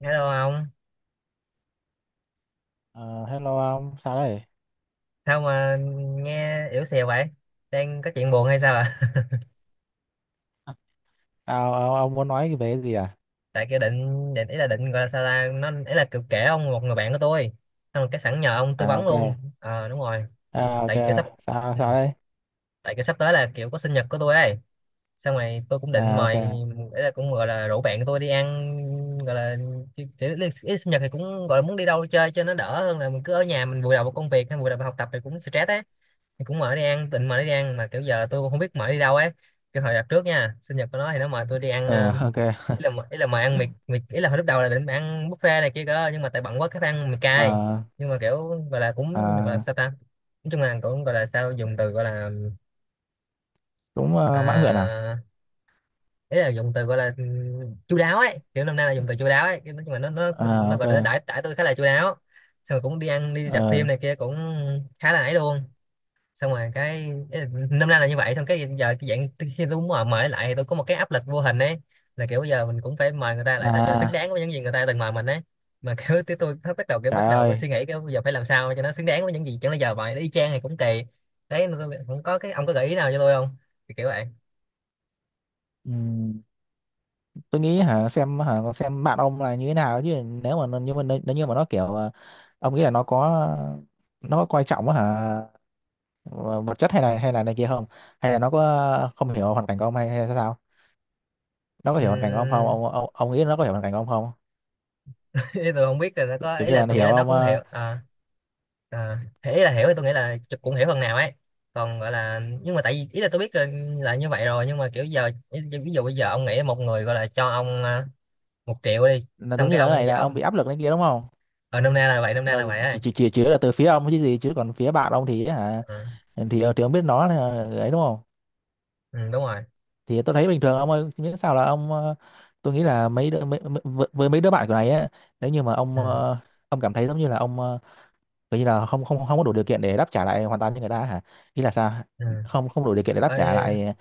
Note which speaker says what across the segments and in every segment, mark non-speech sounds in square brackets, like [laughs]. Speaker 1: Hello ông,
Speaker 2: Ờ, hello ông, sao đây?
Speaker 1: sao mà nghe yếu xìu vậy? Đang có chuyện buồn hay sao ạ?
Speaker 2: Sao ông muốn nói về cái gì à?
Speaker 1: [laughs] Tại kia định định ý là định gọi là sao ta, nó ý là kiểu kể ông một người bạn của tôi. Xong rồi cái sẵn nhờ ông tư
Speaker 2: À
Speaker 1: vấn
Speaker 2: ok,
Speaker 1: luôn. Ờ đúng rồi.
Speaker 2: ok,
Speaker 1: Tại kiểu sắp
Speaker 2: sao
Speaker 1: ừ.
Speaker 2: sao đây?
Speaker 1: Tại kiểu sắp tới là kiểu có sinh nhật của tôi ấy. Xong rồi tôi cũng định
Speaker 2: À ok,
Speaker 1: mời ý là cũng gọi là rủ bạn của tôi đi ăn gọi là kiểu, kiểu ý là sinh nhật thì cũng gọi là muốn đi đâu chơi cho nó đỡ hơn là mình cứ ở nhà mình vùi đầu vào công việc hay vùi đầu vào học tập thì cũng stress ấy. Thì cũng mở đi ăn tịnh mở đi ăn mà kiểu giờ tôi cũng không biết mở đi đâu ấy, cái hồi đặt trước nha sinh nhật của nó thì nó mời tôi đi ăn
Speaker 2: Ờ, ok, [laughs]
Speaker 1: ý là mời ăn mì mì ý là hồi lúc đầu là định ăn buffet này kia cơ nhưng mà tại bận quá cái phải ăn mì cay,
Speaker 2: Ờ,
Speaker 1: nhưng mà kiểu gọi là cũng gọi là
Speaker 2: à,
Speaker 1: sao ta, nói chung là cũng gọi là sao dùng từ gọi là
Speaker 2: cũng mãn nguyện à?
Speaker 1: à, ý là dùng từ gọi là chu đáo ấy, kiểu năm nay là dùng từ chu đáo ấy. Cái nói chung là nó nó
Speaker 2: À
Speaker 1: nó gọi là nó
Speaker 2: ok,
Speaker 1: đãi đãi tôi khá là chu đáo, xong rồi cũng đi ăn đi rạp phim
Speaker 2: Ờ,
Speaker 1: này kia cũng khá là ấy luôn, xong rồi cái năm nay là như vậy, xong cái giờ cái dạng khi tôi muốn mời mời lại thì tôi có một cái áp lực vô hình ấy, là kiểu giờ mình cũng phải mời người ta lại sao cho xứng
Speaker 2: à
Speaker 1: đáng với những gì người ta từng mời mình ấy, mà kiểu tới tôi bắt đầu kiểu
Speaker 2: trời
Speaker 1: bắt đầu có
Speaker 2: ơi,
Speaker 1: suy nghĩ cái bây giờ phải làm sao cho nó xứng đáng với những gì, chẳng lẽ giờ mời nó y chang thì cũng kỳ đấy, nên tôi không có cái ông có gợi ý nào cho tôi không, thì kiểu vậy.
Speaker 2: Ừm, tôi nghĩ hả xem hả con xem bạn ông là như thế nào chứ nếu mà nhưng mà nếu như mà nó kiểu ông nghĩ là nó có coi trọng á hả vật chất hay là này kia không? Hay là nó có không hiểu hoàn cảnh của ông hay hay sao? Nó có hiểu hoàn cảnh của ông không
Speaker 1: Ừm,
Speaker 2: ông ông nghĩ nó có hiểu hoàn cảnh của ông không?
Speaker 1: [laughs] tôi không biết là nó có
Speaker 2: Kiểu
Speaker 1: ý
Speaker 2: như
Speaker 1: là
Speaker 2: là nó
Speaker 1: tôi nghĩ
Speaker 2: hiểu
Speaker 1: là nó
Speaker 2: ông
Speaker 1: cũng hiểu. Ờ à, thì ý là hiểu thì tôi nghĩ là chụp cũng hiểu phần nào ấy, còn gọi là nhưng mà tại vì ý là tôi biết là như vậy rồi, nhưng mà kiểu giờ ý- ví dụ bây giờ ông nghĩ một người gọi là cho ông à, một triệu đi,
Speaker 2: là giống
Speaker 1: xong
Speaker 2: như
Speaker 1: cái
Speaker 2: là cái này là ông
Speaker 1: ông
Speaker 2: bị áp lực này kia đúng không?
Speaker 1: ở nôm na là vậy, nôm na
Speaker 2: Là
Speaker 1: là vậy ấy.
Speaker 2: chỉ là từ phía ông chứ gì, chứ còn phía bạn ông thì hả
Speaker 1: ừ,
Speaker 2: thì thì ông biết nó là ấy đúng không?
Speaker 1: ừ, đúng rồi.
Speaker 2: Thì tôi thấy bình thường ông ơi, miễn sao là ông tôi nghĩ là mấy đứa, mấy, mấy- với mấy đứa bạn của này á, nếu như mà
Speaker 1: Ừ,
Speaker 2: ông ông cảm thấy giống như là ông kiểu như là không không không có đủ điều kiện để đáp trả lại hoàn toàn cho người ta hả, ý là sao
Speaker 1: ừ.
Speaker 2: không không đủ điều kiện để đáp trả
Speaker 1: Ôi,
Speaker 2: lại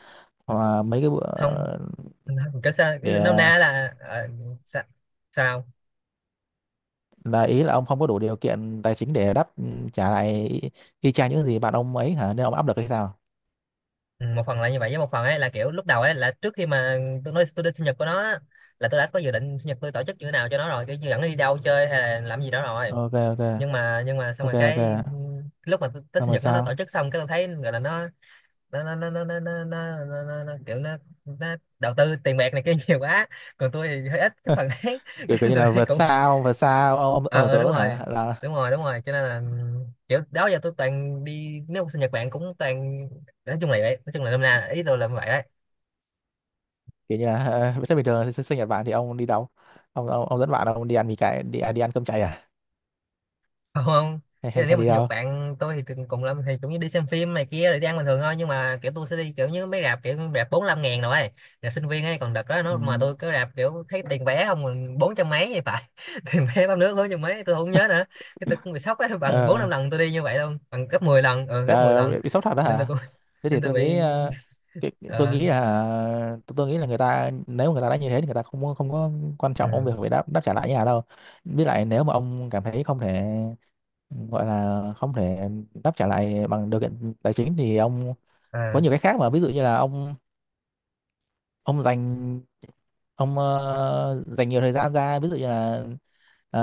Speaker 2: ờ, mấy cái bữa
Speaker 1: không không, kiểu sao ý là nôm
Speaker 2: để
Speaker 1: na là ờ, sao, sao?
Speaker 2: là ý là ông không có đủ điều kiện tài chính để đáp trả lại y y chang những gì bạn ông ấy hả nên ông áp lực hay sao?
Speaker 1: Ừ, một phần là như vậy với một phần ấy là kiểu lúc đầu ấy là trước khi mà tôi nói tôi đi sinh nhật của nó á, là tôi đã có dự định sinh nhật tôi tổ chức như thế nào cho nó rồi cái dẫn nó đi đâu chơi hay là làm gì đó rồi,
Speaker 2: Ok ok,
Speaker 1: nhưng mà xong
Speaker 2: ok
Speaker 1: rồi
Speaker 2: ok,
Speaker 1: cái lúc mà Tết
Speaker 2: xong
Speaker 1: sinh
Speaker 2: rồi
Speaker 1: nhật nó
Speaker 2: sao,
Speaker 1: tổ chức xong cái tôi thấy gọi là nó kiểu nó đầu tư tiền bạc này kia [laughs] nhiều quá, còn tôi thì hơi ít cái phần đấy [laughs]
Speaker 2: kiểu,
Speaker 1: cái
Speaker 2: kiểu như
Speaker 1: tôi
Speaker 2: là
Speaker 1: thấy cũng
Speaker 2: vượt xa ông
Speaker 1: ờ
Speaker 2: ông tưởng
Speaker 1: ờ,
Speaker 2: tượng
Speaker 1: đúng
Speaker 2: luôn
Speaker 1: rồi,
Speaker 2: hả? Là
Speaker 1: đúng rồi đúng rồi cho nên là kiểu đó giờ tôi toàn đi nếu mà sinh nhật bạn cũng toàn nói chung là vậy, nói chung là năm nay ý tôi là vậy đấy.
Speaker 2: kiểu như là thế bình thường sinh sinh nhật bạn thì ông đi đâu? Ông ông dẫn bạn ông đi ăn mì cái đi, à, đi ăn cơm cháy à,
Speaker 1: Không, không.
Speaker 2: hay,
Speaker 1: Ý
Speaker 2: hay,
Speaker 1: là nếu
Speaker 2: hay
Speaker 1: mà
Speaker 2: đi
Speaker 1: sinh nhật
Speaker 2: đâu?
Speaker 1: bạn tôi thì từng cùng lắm thì cũng như đi xem phim này kia rồi đi ăn bình thường thôi, nhưng mà kiểu tôi sẽ đi kiểu như mấy rạp kiểu rạp bốn năm ngàn rồi ấy. Rạp sinh viên ấy, còn đợt đó nó mà tôi cứ rạp kiểu thấy tiền vé không còn bốn trăm mấy thì phải, [laughs] tiền vé bắp nước bốn trăm mấy tôi không nhớ nữa, cái tôi cũng bị sốc ấy bằng bốn
Speaker 2: Ừ,
Speaker 1: năm lần tôi đi như vậy luôn, bằng gấp 10 lần. Ừ, gấp 10
Speaker 2: à,
Speaker 1: lần,
Speaker 2: bị sốc thật đó
Speaker 1: nên tôi
Speaker 2: hả?
Speaker 1: cũng [laughs]
Speaker 2: Thế thì
Speaker 1: nên tôi
Speaker 2: tôi
Speaker 1: bị
Speaker 2: nghĩ cái, tôi
Speaker 1: ờ.
Speaker 2: nghĩ là tôi nghĩ là người ta nếu mà người ta đã như thế thì người ta không có quan
Speaker 1: Ừ.
Speaker 2: trọng công việc phải đáp đáp trả lại nhà đâu. Với lại nếu mà ông cảm thấy không thể gọi là không thể đáp trả lại bằng điều kiện tài chính thì ông có
Speaker 1: Ờ.
Speaker 2: nhiều cái khác mà, ví dụ như là ông dành ông dành nhiều thời gian ra, ví dụ như là ờ,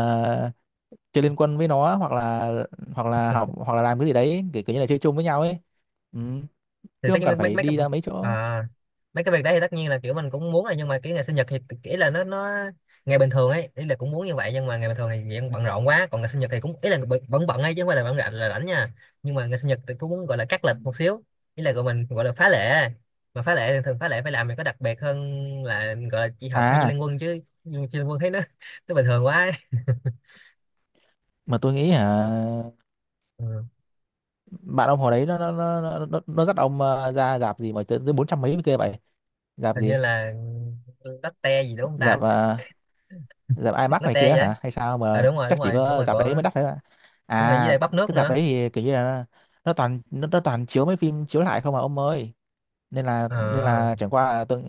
Speaker 2: chơi liên quân với nó, hoặc là học hoặc là làm cái gì đấy kiểu, kiểu như là chơi chung với nhau ấy. Ừ,
Speaker 1: Thì
Speaker 2: chứ
Speaker 1: tất
Speaker 2: không
Speaker 1: nhiên
Speaker 2: cần
Speaker 1: mấy mấy,
Speaker 2: phải
Speaker 1: mấy cái
Speaker 2: đi ra mấy chỗ.
Speaker 1: à, mấy cái việc đấy thì tất nhiên là kiểu mình cũng muốn rồi, nhưng mà cái ngày sinh nhật thì ý là nó, ngày bình thường ấy ý là cũng muốn như vậy nhưng mà ngày bình thường thì dạng bận rộn quá, còn ngày sinh nhật thì cũng ý là bận- vẫn bận ấy chứ không phải là bận rộn là rảnh nha, nhưng mà ngày sinh nhật thì cũng muốn gọi là cắt lịch một xíu, ý là gọi mình gọi là phá lệ, mà phá lệ thì thường phá lệ phải làm mình có đặc biệt hơn, là gọi là chị học hay chơi
Speaker 2: À,
Speaker 1: liên quân chứ, chơi liên quân thấy nó [laughs] nó bình thường quá ấy.
Speaker 2: mà tôi nghĩ hả
Speaker 1: Ừ.
Speaker 2: bạn ông hồi đấy nó nó dắt ông ra dạp gì mà tới tới bốn trăm mấy kia vậy? Dạp
Speaker 1: Hình như
Speaker 2: gì,
Speaker 1: là latte gì đúng không
Speaker 2: dạp
Speaker 1: ta,
Speaker 2: dạp IMAX này
Speaker 1: latte
Speaker 2: kia
Speaker 1: vậy.
Speaker 2: hả hay sao,
Speaker 1: À
Speaker 2: mà
Speaker 1: đúng rồi đúng
Speaker 2: chắc chỉ
Speaker 1: rồi đúng
Speaker 2: có
Speaker 1: rồi
Speaker 2: dạp đấy
Speaker 1: có,
Speaker 2: mới đắt đấy ạ.
Speaker 1: đúng rồi với
Speaker 2: À
Speaker 1: lại bắp nước
Speaker 2: cái dạp
Speaker 1: nữa.
Speaker 2: đấy thì kiểu như là nó toàn nó toàn chiếu mấy phim chiếu lại không mà ông ơi, nên
Speaker 1: Ờ,
Speaker 2: là chẳng qua là tôi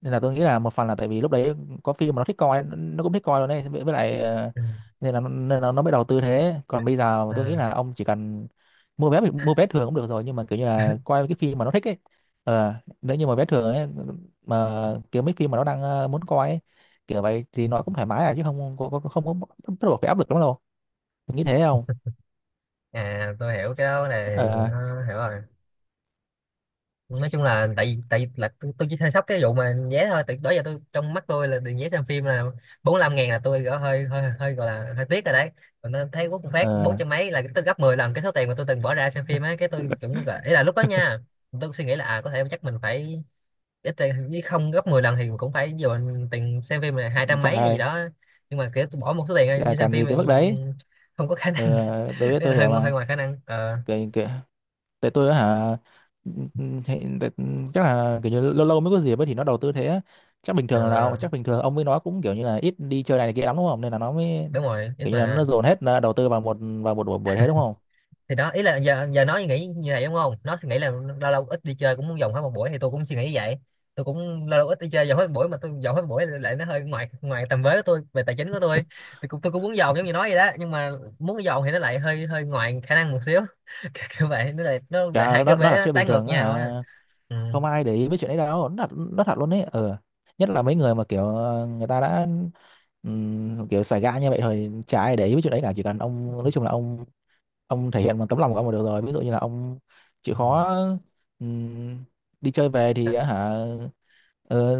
Speaker 2: nên là tôi nghĩ là một phần là tại vì lúc đấy có phim mà nó thích coi, nó cũng thích coi luôn đấy, với lại ờ,
Speaker 1: ừ,
Speaker 2: nên là nên là nó mới đầu tư thế. Còn bây giờ tôi nghĩ
Speaker 1: à,
Speaker 2: là ông chỉ cần mua vé thường cũng được rồi, nhưng mà kiểu như là
Speaker 1: [laughs]
Speaker 2: coi cái phim mà nó thích ấy. Ờ nếu như mà vé thường ấy mà kiểu mấy phim mà nó đang muốn coi ấy, kiểu vậy thì nó cũng thoải mái à, chứ không không có bắt buộc phải áp lực lắm đâu, tôi nghĩ thế không?
Speaker 1: à tôi hiểu cái đó này
Speaker 2: Ờ
Speaker 1: nó hiểu rồi, nói chung là tại vì là tôi chỉ hơi sốc cái vụ mà vé thôi, từ đó giờ tôi trong mắt tôi là tiền vé xem phim là 45 ngàn là tôi gọi hơi hơi hơi gọi là hơi tiếc rồi đấy, còn nó thấy quốc phát bốn
Speaker 2: ờ
Speaker 1: trăm mấy là cái tôi gấp 10 lần cái số tiền mà tôi từng bỏ ra xem phim ấy, cái tôi
Speaker 2: [laughs]
Speaker 1: cũng gọi- ý là lúc đó nha tôi suy nghĩ là à có thể chắc mình phải ít ra- với không gấp 10 lần thì cũng phải dồn tiền xem phim là hai trăm
Speaker 2: trời
Speaker 1: mấy hay gì
Speaker 2: ơi,
Speaker 1: đó, nhưng mà kiểu tôi bỏ một số tiền
Speaker 2: chả
Speaker 1: như xem
Speaker 2: cần gì
Speaker 1: phim
Speaker 2: tới
Speaker 1: này
Speaker 2: mức đấy
Speaker 1: không có khả năng.
Speaker 2: ờ
Speaker 1: Ý là
Speaker 2: tôi hiểu
Speaker 1: hơi hơi
Speaker 2: mà.
Speaker 1: ngoài khả năng ờ.
Speaker 2: Kệ- kệ. Tại tôi á hả ừ, ừ, thì, tại, ừ, chắc là kiểu như lâu lâu mới có dịp ấy thì nó đầu tư thế á. Chắc bình
Speaker 1: Ờ,
Speaker 2: thường là chắc bình thường ông với nó cũng kiểu như là ít đi chơi này, này kia lắm đúng không, nên là nó mới
Speaker 1: đúng rồi ít
Speaker 2: kiểu như là nó
Speaker 1: mà.
Speaker 2: dồn hết là đầu tư vào một buổi buổi thế đúng không?
Speaker 1: Thì đó ý là giờ giờ nó nghĩ như vậy đúng không, nó suy nghĩ là lâu lâu ít đi chơi cũng muốn dồn hết một buổi, thì tôi cũng suy nghĩ như vậy, tôi cũng lâu lâu ít đi chơi dồn hết một buổi, mà tôi dồn hết một buổi lại nó hơi ngoài ngoài tầm với của tôi về tài chính của tôi, thì cũng tôi cũng muốn dồn giống như nói vậy đó, nhưng mà muốn dồn thì nó lại hơi hơi ngoài khả năng một xíu, [laughs] kiểu kiểu vậy nó lại
Speaker 2: Chả
Speaker 1: hai cái
Speaker 2: nó
Speaker 1: vế
Speaker 2: là
Speaker 1: nó
Speaker 2: chuyện
Speaker 1: trái
Speaker 2: bình
Speaker 1: ngược
Speaker 2: thường á
Speaker 1: nhau á.
Speaker 2: hả,
Speaker 1: Ừ.
Speaker 2: không ai để ý với chuyện đấy đâu, nó thật luôn ấy ờ. Nhất là mấy người mà kiểu người ta đã kiểu xài gã như vậy thôi, chả ai để ý với chuyện đấy cả. Chỉ cần ông nói chung là ông thể hiện bằng tấm lòng của ông là được rồi, ví dụ như là ông chịu
Speaker 1: Ừ.
Speaker 2: khó ừm, đi chơi về thì á hả ờ,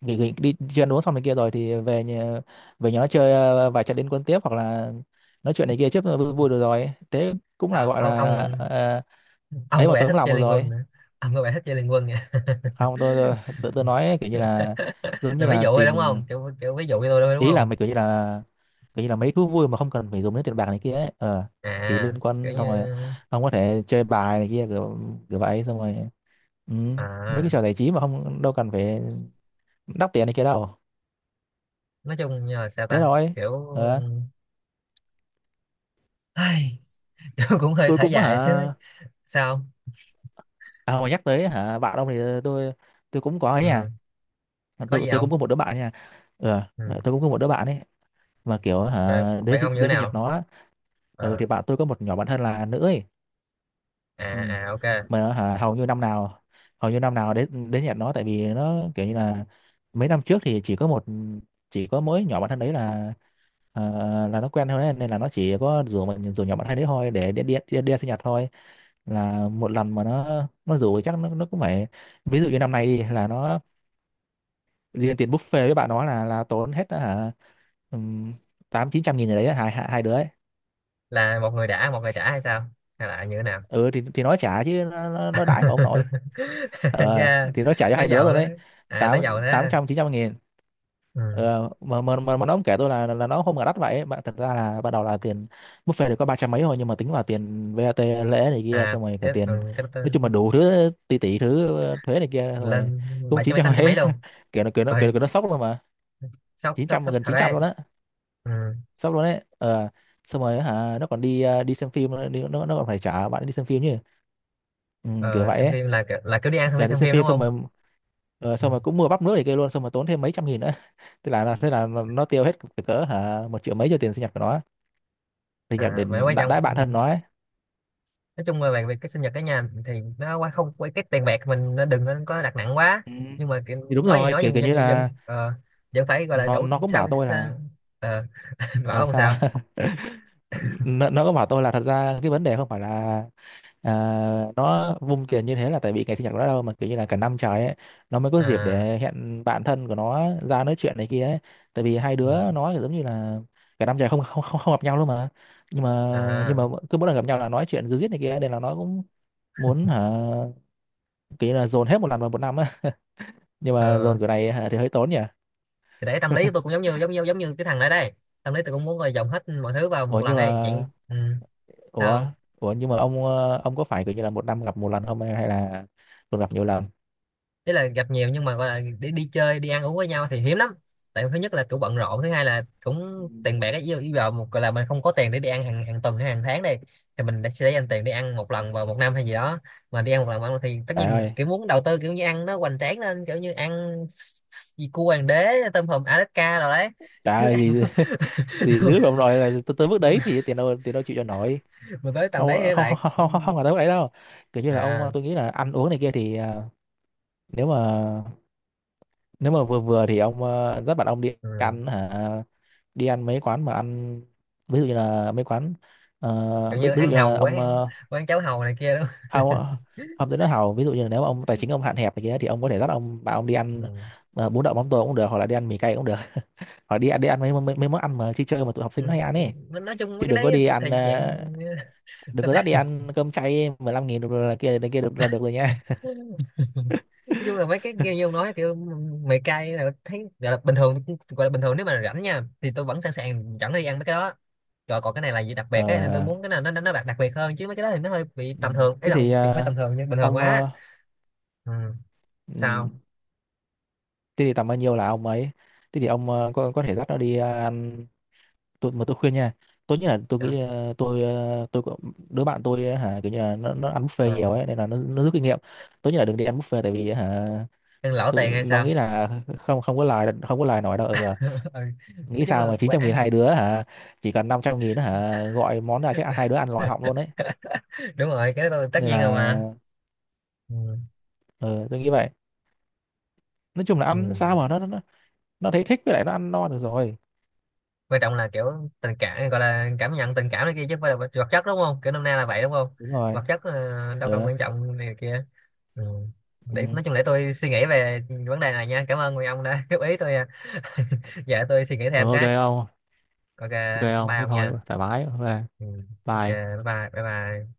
Speaker 2: nghỉ đi chơi ăn uống xong này kia rồi thì về nhà, về nhà nó chơi vài trận liên quân tiếp hoặc là nói chuyện này kia trước vui, vui được rồi thế cũng là
Speaker 1: À,
Speaker 2: gọi
Speaker 1: ông
Speaker 2: là
Speaker 1: ông ông
Speaker 2: ấy
Speaker 1: có
Speaker 2: mà
Speaker 1: vẻ
Speaker 2: tấm
Speaker 1: thích
Speaker 2: lòng
Speaker 1: chơi
Speaker 2: được
Speaker 1: liên quân
Speaker 2: rồi.
Speaker 1: nữa, ông có vẻ thích chơi liên quân nha.
Speaker 2: Không
Speaker 1: [laughs]
Speaker 2: tôi nói kiểu như là
Speaker 1: [laughs]
Speaker 2: giống
Speaker 1: Là
Speaker 2: như
Speaker 1: ví
Speaker 2: là
Speaker 1: dụ thôi
Speaker 2: tìm
Speaker 1: đúng không, kiểu, kiểu ví dụ cho tôi thôi đúng
Speaker 2: ý là
Speaker 1: không.
Speaker 2: mày kiểu như là mấy thú vui mà không cần phải dùng đến tiền bạc này kia ấy ờ,
Speaker 1: À
Speaker 2: thì liên
Speaker 1: kiểu
Speaker 2: quan xong rồi
Speaker 1: như
Speaker 2: ông có thể chơi bài này kia kiểu, kiểu vậy xong rồi. Ừ, mấy cái
Speaker 1: à
Speaker 2: trò giải trí mà không đâu cần phải đắp tiền này kia đâu.
Speaker 1: nói chung như là sao
Speaker 2: Thế
Speaker 1: ta,
Speaker 2: rồi
Speaker 1: kiểu
Speaker 2: ờ.
Speaker 1: ai [laughs] tôi cũng hơi
Speaker 2: Tôi
Speaker 1: thở
Speaker 2: cũng
Speaker 1: dài chứ,
Speaker 2: hả,
Speaker 1: sao không?
Speaker 2: à mà nhắc tới hả bạn ông thì tôi tôi cũng có ấy
Speaker 1: Ừ.
Speaker 2: nha.
Speaker 1: Có gì
Speaker 2: Tôi cũng
Speaker 1: không?
Speaker 2: có một đứa bạn nha. Ờ
Speaker 1: Ừ.
Speaker 2: tôi cũng có một đứa bạn ấy mà kiểu
Speaker 1: Rồi
Speaker 2: hả đến
Speaker 1: bạn ông như thế
Speaker 2: đến sinh nhật
Speaker 1: nào.
Speaker 2: nó á, ừ,
Speaker 1: Ờ.
Speaker 2: thì bạn tôi có một nhỏ bạn thân là nữ ấy. Ừ,
Speaker 1: À à ok,
Speaker 2: mà hả, hầu như năm nào hầu như năm nào đến đến nhạc nó, tại vì nó kiểu như là mấy năm trước thì chỉ có một chỉ có mỗi nhỏ bạn thân đấy là ờ, là nó quen thôi đấy. Nên là nó chỉ có rủ mình rủ nhỏ bạn thân đấy thôi để đi sinh nhật thôi. Là một lần mà nó rủ thì chắc nó cũng phải, ví dụ như năm nay đi là nó riêng tiền buffet với bạn nó là tốn hết hả tám chín trăm nghìn gì đấy hai hai hai đứa ấy.
Speaker 1: là một người đã một người trả hay sao, hay là như thế nào.
Speaker 2: Ừ thì nó trả chứ nó đãi của ông nội,
Speaker 1: [laughs]
Speaker 2: ờ
Speaker 1: Nghe
Speaker 2: thì nó trả cho
Speaker 1: nói
Speaker 2: hai đứa
Speaker 1: giàu
Speaker 2: luôn
Speaker 1: đó,
Speaker 2: đấy.
Speaker 1: à nói
Speaker 2: Tám
Speaker 1: giàu đó
Speaker 2: Tám
Speaker 1: ha.
Speaker 2: trăm chín trăm nghìn.
Speaker 1: Ừ.
Speaker 2: Ờ, mà nó cũng kể tôi là nó không ngờ đắt vậy bạn. Thật ra là ban đầu là tiền buffet được có ba trăm mấy thôi nhưng mà tính vào tiền VAT lễ này kia
Speaker 1: À
Speaker 2: xong rồi cả
Speaker 1: cái
Speaker 2: tiền,
Speaker 1: cái đó-
Speaker 2: nói chung là
Speaker 1: tên
Speaker 2: đủ thứ tỷ tỷ thứ thuế này kia xong rồi
Speaker 1: lên
Speaker 2: cũng
Speaker 1: bảy trăm
Speaker 2: chín
Speaker 1: mấy
Speaker 2: trăm
Speaker 1: tám trăm mấy
Speaker 2: mấy.
Speaker 1: luôn,
Speaker 2: [laughs] Kiểu nó
Speaker 1: ơi
Speaker 2: nó sốc luôn mà,
Speaker 1: sốc
Speaker 2: chín
Speaker 1: sốc
Speaker 2: trăm
Speaker 1: sốc
Speaker 2: gần
Speaker 1: thật
Speaker 2: chín trăm
Speaker 1: đấy.
Speaker 2: luôn á,
Speaker 1: Ừ.
Speaker 2: sốc luôn đấy ờ. Xong rồi hả nó còn đi đi xem phim nữa, nó còn phải trả bạn đi xem phim chứ, ừ, kiểu
Speaker 1: Ờ,
Speaker 2: vậy
Speaker 1: xem
Speaker 2: ấy.
Speaker 1: phim là kiểu đi ăn xong đi
Speaker 2: Giả đi
Speaker 1: xem
Speaker 2: xem
Speaker 1: phim
Speaker 2: phim
Speaker 1: đúng
Speaker 2: xong
Speaker 1: không?
Speaker 2: rồi ờ,
Speaker 1: Ừ.
Speaker 2: xong rồi cũng mua bắp nước thì kia luôn, xong rồi tốn thêm mấy trăm nghìn nữa [laughs] thế là nó tiêu hết cỡ cỡ hả một triệu mấy cho tiền sinh nhật của nó, sinh nhật
Speaker 1: À,
Speaker 2: để
Speaker 1: vậy quan
Speaker 2: đãi
Speaker 1: trọng
Speaker 2: đãi bạn thân nó ấy.
Speaker 1: nói chung là về việc cái sinh nhật cả nhà thì nó quá không quá cái tiền bạc mình nó đừng nên có đặt nặng quá,
Speaker 2: Ừ,
Speaker 1: nhưng mà kiểu,
Speaker 2: thì đúng
Speaker 1: nói gì
Speaker 2: rồi
Speaker 1: nói
Speaker 2: kiểu
Speaker 1: dân
Speaker 2: kiểu như
Speaker 1: dân dân
Speaker 2: là
Speaker 1: ờ, vẫn phải gọi là đủ
Speaker 2: nó cũng
Speaker 1: sao
Speaker 2: bảo
Speaker 1: cái
Speaker 2: tôi
Speaker 1: sao-
Speaker 2: là
Speaker 1: ờ, [laughs]
Speaker 2: ờ
Speaker 1: bảo không
Speaker 2: sao
Speaker 1: sao
Speaker 2: [laughs] nó cũng bảo tôi là thật ra cái vấn đề không phải là à, nó vung tiền như thế là tại vì ngày sinh nhật của nó đâu, mà kiểu như là cả năm trời ấy nó mới có dịp
Speaker 1: à
Speaker 2: để hẹn bạn thân của nó ra nói chuyện này kia ấy. Tại vì hai
Speaker 1: ừ,
Speaker 2: đứa nó kiểu giống như là cả năm trời không gặp nhau luôn mà. nhưng mà nhưng mà
Speaker 1: à
Speaker 2: cứ mỗi lần gặp nhau là nói chuyện ríu rít này kia nên là nó cũng muốn hả kiểu như là dồn hết một lần vào một năm á, [laughs] nhưng mà
Speaker 1: ờ,
Speaker 2: dồn kiểu này hả, thì hơi tốn nhỉ.
Speaker 1: thì đấy tâm lý của
Speaker 2: [laughs]
Speaker 1: tôi cũng giống như cái thằng ở đây, tâm lý tôi cũng muốn gọi dồn hết mọi thứ vào
Speaker 2: ủa
Speaker 1: một lần
Speaker 2: nhưng mà
Speaker 1: ấy chuyện ừ,
Speaker 2: ủa
Speaker 1: sao,
Speaker 2: Ủa nhưng mà ông ông có phải kiểu như là một năm gặp một lần không, hay hay là còn gặp nhiều lần?
Speaker 1: ý là gặp nhiều nhưng mà gọi là đi đi chơi đi ăn uống với nhau thì hiếm lắm, tại thứ nhất là cũng bận rộn, thứ hai là
Speaker 2: Ừ,
Speaker 1: cũng tiền bạc ấy yêu yêu vào một gọi là mình không có tiền để đi ăn hàng hàng tuần hay hàng tháng đây, thì mình đã- sẽ dành tiền để ăn một lần vào một năm hay gì đó, mà đi ăn một lần vào một năm thì tất
Speaker 2: trời
Speaker 1: nhiên mình
Speaker 2: ơi,
Speaker 1: kiểu muốn đầu tư kiểu như ăn nó hoành tráng lên, kiểu như ăn s- s- gì cua hoàng đế tôm hùm Alaska rồi đấy,
Speaker 2: trời
Speaker 1: chứ
Speaker 2: ơi
Speaker 1: ăn
Speaker 2: gì gì
Speaker 1: [laughs]
Speaker 2: dữ ông nói là tới, tới mức đấy thì tiền đâu chịu cho nổi.
Speaker 1: mà tới tầm đấy
Speaker 2: Không
Speaker 1: thì
Speaker 2: không
Speaker 1: lại
Speaker 2: không
Speaker 1: ừ,
Speaker 2: không không, Không là tới mức đấy đâu, kiểu như là
Speaker 1: à
Speaker 2: ông tôi nghĩ là ăn uống này kia thì à, nếu mà nếu mà vừa vừa thì ông à, dắt bạn ông đi
Speaker 1: ừ.
Speaker 2: ăn hả đi ăn mấy quán mà ăn, ví dụ như là mấy quán
Speaker 1: Kiểu như
Speaker 2: ví dụ
Speaker 1: ăn
Speaker 2: như
Speaker 1: hàu
Speaker 2: là ông
Speaker 1: quán, quán cháo hàu này kia đó.
Speaker 2: không hao tới nó hào, ví dụ như là nếu mà ông tài chính ông hạn hẹp này kia thì ông có thể dắt ông bạn ông đi ăn
Speaker 1: Ừ.
Speaker 2: ờ, bún đậu mắm tôm cũng được hoặc là đi ăn mì cay cũng được [laughs] hoặc đi ăn mấy mấy, mấy món ăn mà chơi chơi mà tụi học sinh nó
Speaker 1: Ừ.
Speaker 2: hay ăn
Speaker 1: Em-
Speaker 2: ấy.
Speaker 1: nói chung mấy
Speaker 2: Chứ
Speaker 1: cái
Speaker 2: đừng có
Speaker 1: đấy
Speaker 2: đi
Speaker 1: thì
Speaker 2: ăn
Speaker 1: dạng [laughs]
Speaker 2: đừng
Speaker 1: sao
Speaker 2: có dắt đi
Speaker 1: ta,
Speaker 2: ăn cơm chay 15 nghìn được rồi là kia được là được rồi nha.
Speaker 1: nói chung là mấy cái kia
Speaker 2: [laughs]
Speaker 1: như ông nói kiểu mày cay là thấy gọi là bình thường, gọi là bình thường nếu mà rảnh nha thì tôi vẫn sẵn sàng rảnh đi ăn mấy cái đó, rồi còn cái này là gì đặc biệt ấy nên tôi
Speaker 2: Ờ,
Speaker 1: muốn cái nào nó đặc đặc biệt hơn, chứ mấy cái đó thì nó hơi bị
Speaker 2: Ừ,
Speaker 1: tầm thường ấy,
Speaker 2: thế
Speaker 1: là không
Speaker 2: thì
Speaker 1: không phải tầm thường nha, bình thường
Speaker 2: ông
Speaker 1: quá. Ừ.
Speaker 2: ừm,
Speaker 1: Sao.
Speaker 2: thế thì tầm bao nhiêu là ông ấy, thế thì ông có thể dắt nó đi ăn. Tôi mà tôi khuyên nha, tốt nhất là tôi
Speaker 1: Dạ.
Speaker 2: nghĩ tôi đứa bạn tôi ờ, hả kiểu như là nó ăn buffet
Speaker 1: Ờ.
Speaker 2: nhiều ấy nên là nó rút kinh nghiệm, tốt nhất là đừng đi ăn buffet tại vì hả
Speaker 1: Ăn lỗ tiền hay
Speaker 2: nó
Speaker 1: sao.
Speaker 2: nghĩ là không không có lời nói đâu ừ,
Speaker 1: [laughs] Ừ. Nói
Speaker 2: nghĩ
Speaker 1: chung
Speaker 2: sao
Speaker 1: là
Speaker 2: mà 900 nghìn
Speaker 1: ăn
Speaker 2: hai đứa hả, chỉ cần 500 nghìn hả gọi món ra chắc hai đứa ăn lòi họng luôn
Speaker 1: [laughs]
Speaker 2: đấy.
Speaker 1: đúng rồi cái đó là tất
Speaker 2: Nên
Speaker 1: nhiên rồi
Speaker 2: là
Speaker 1: mà. Ừ.
Speaker 2: ờ, tôi nghĩ vậy, nói chung là
Speaker 1: Ừ.
Speaker 2: ăn sao mà nó thấy thích với lại nó ăn no được rồi.
Speaker 1: Quan trọng là kiểu tình cảm gọi là cảm nhận tình cảm này kia chứ không phải là vật vật chất đúng không, kiểu năm nay là vậy đúng không,
Speaker 2: Đúng rồi
Speaker 1: vật chất ờ, đâu cần
Speaker 2: ờ,
Speaker 1: quan trọng này kia. Ừ.
Speaker 2: ừ.
Speaker 1: Để nói chung để tôi suy nghĩ về vấn đề này nha, cảm ơn người ông đã [laughs] góp ý tôi, giờ tôi suy nghĩ
Speaker 2: Ờ,
Speaker 1: thêm
Speaker 2: ok
Speaker 1: cái
Speaker 2: không,
Speaker 1: ok,
Speaker 2: ok không
Speaker 1: bye
Speaker 2: thế
Speaker 1: ông
Speaker 2: thôi
Speaker 1: nha.
Speaker 2: thoải mái ok,
Speaker 1: Ừ. Ok,
Speaker 2: bye
Speaker 1: bye bye bye bye.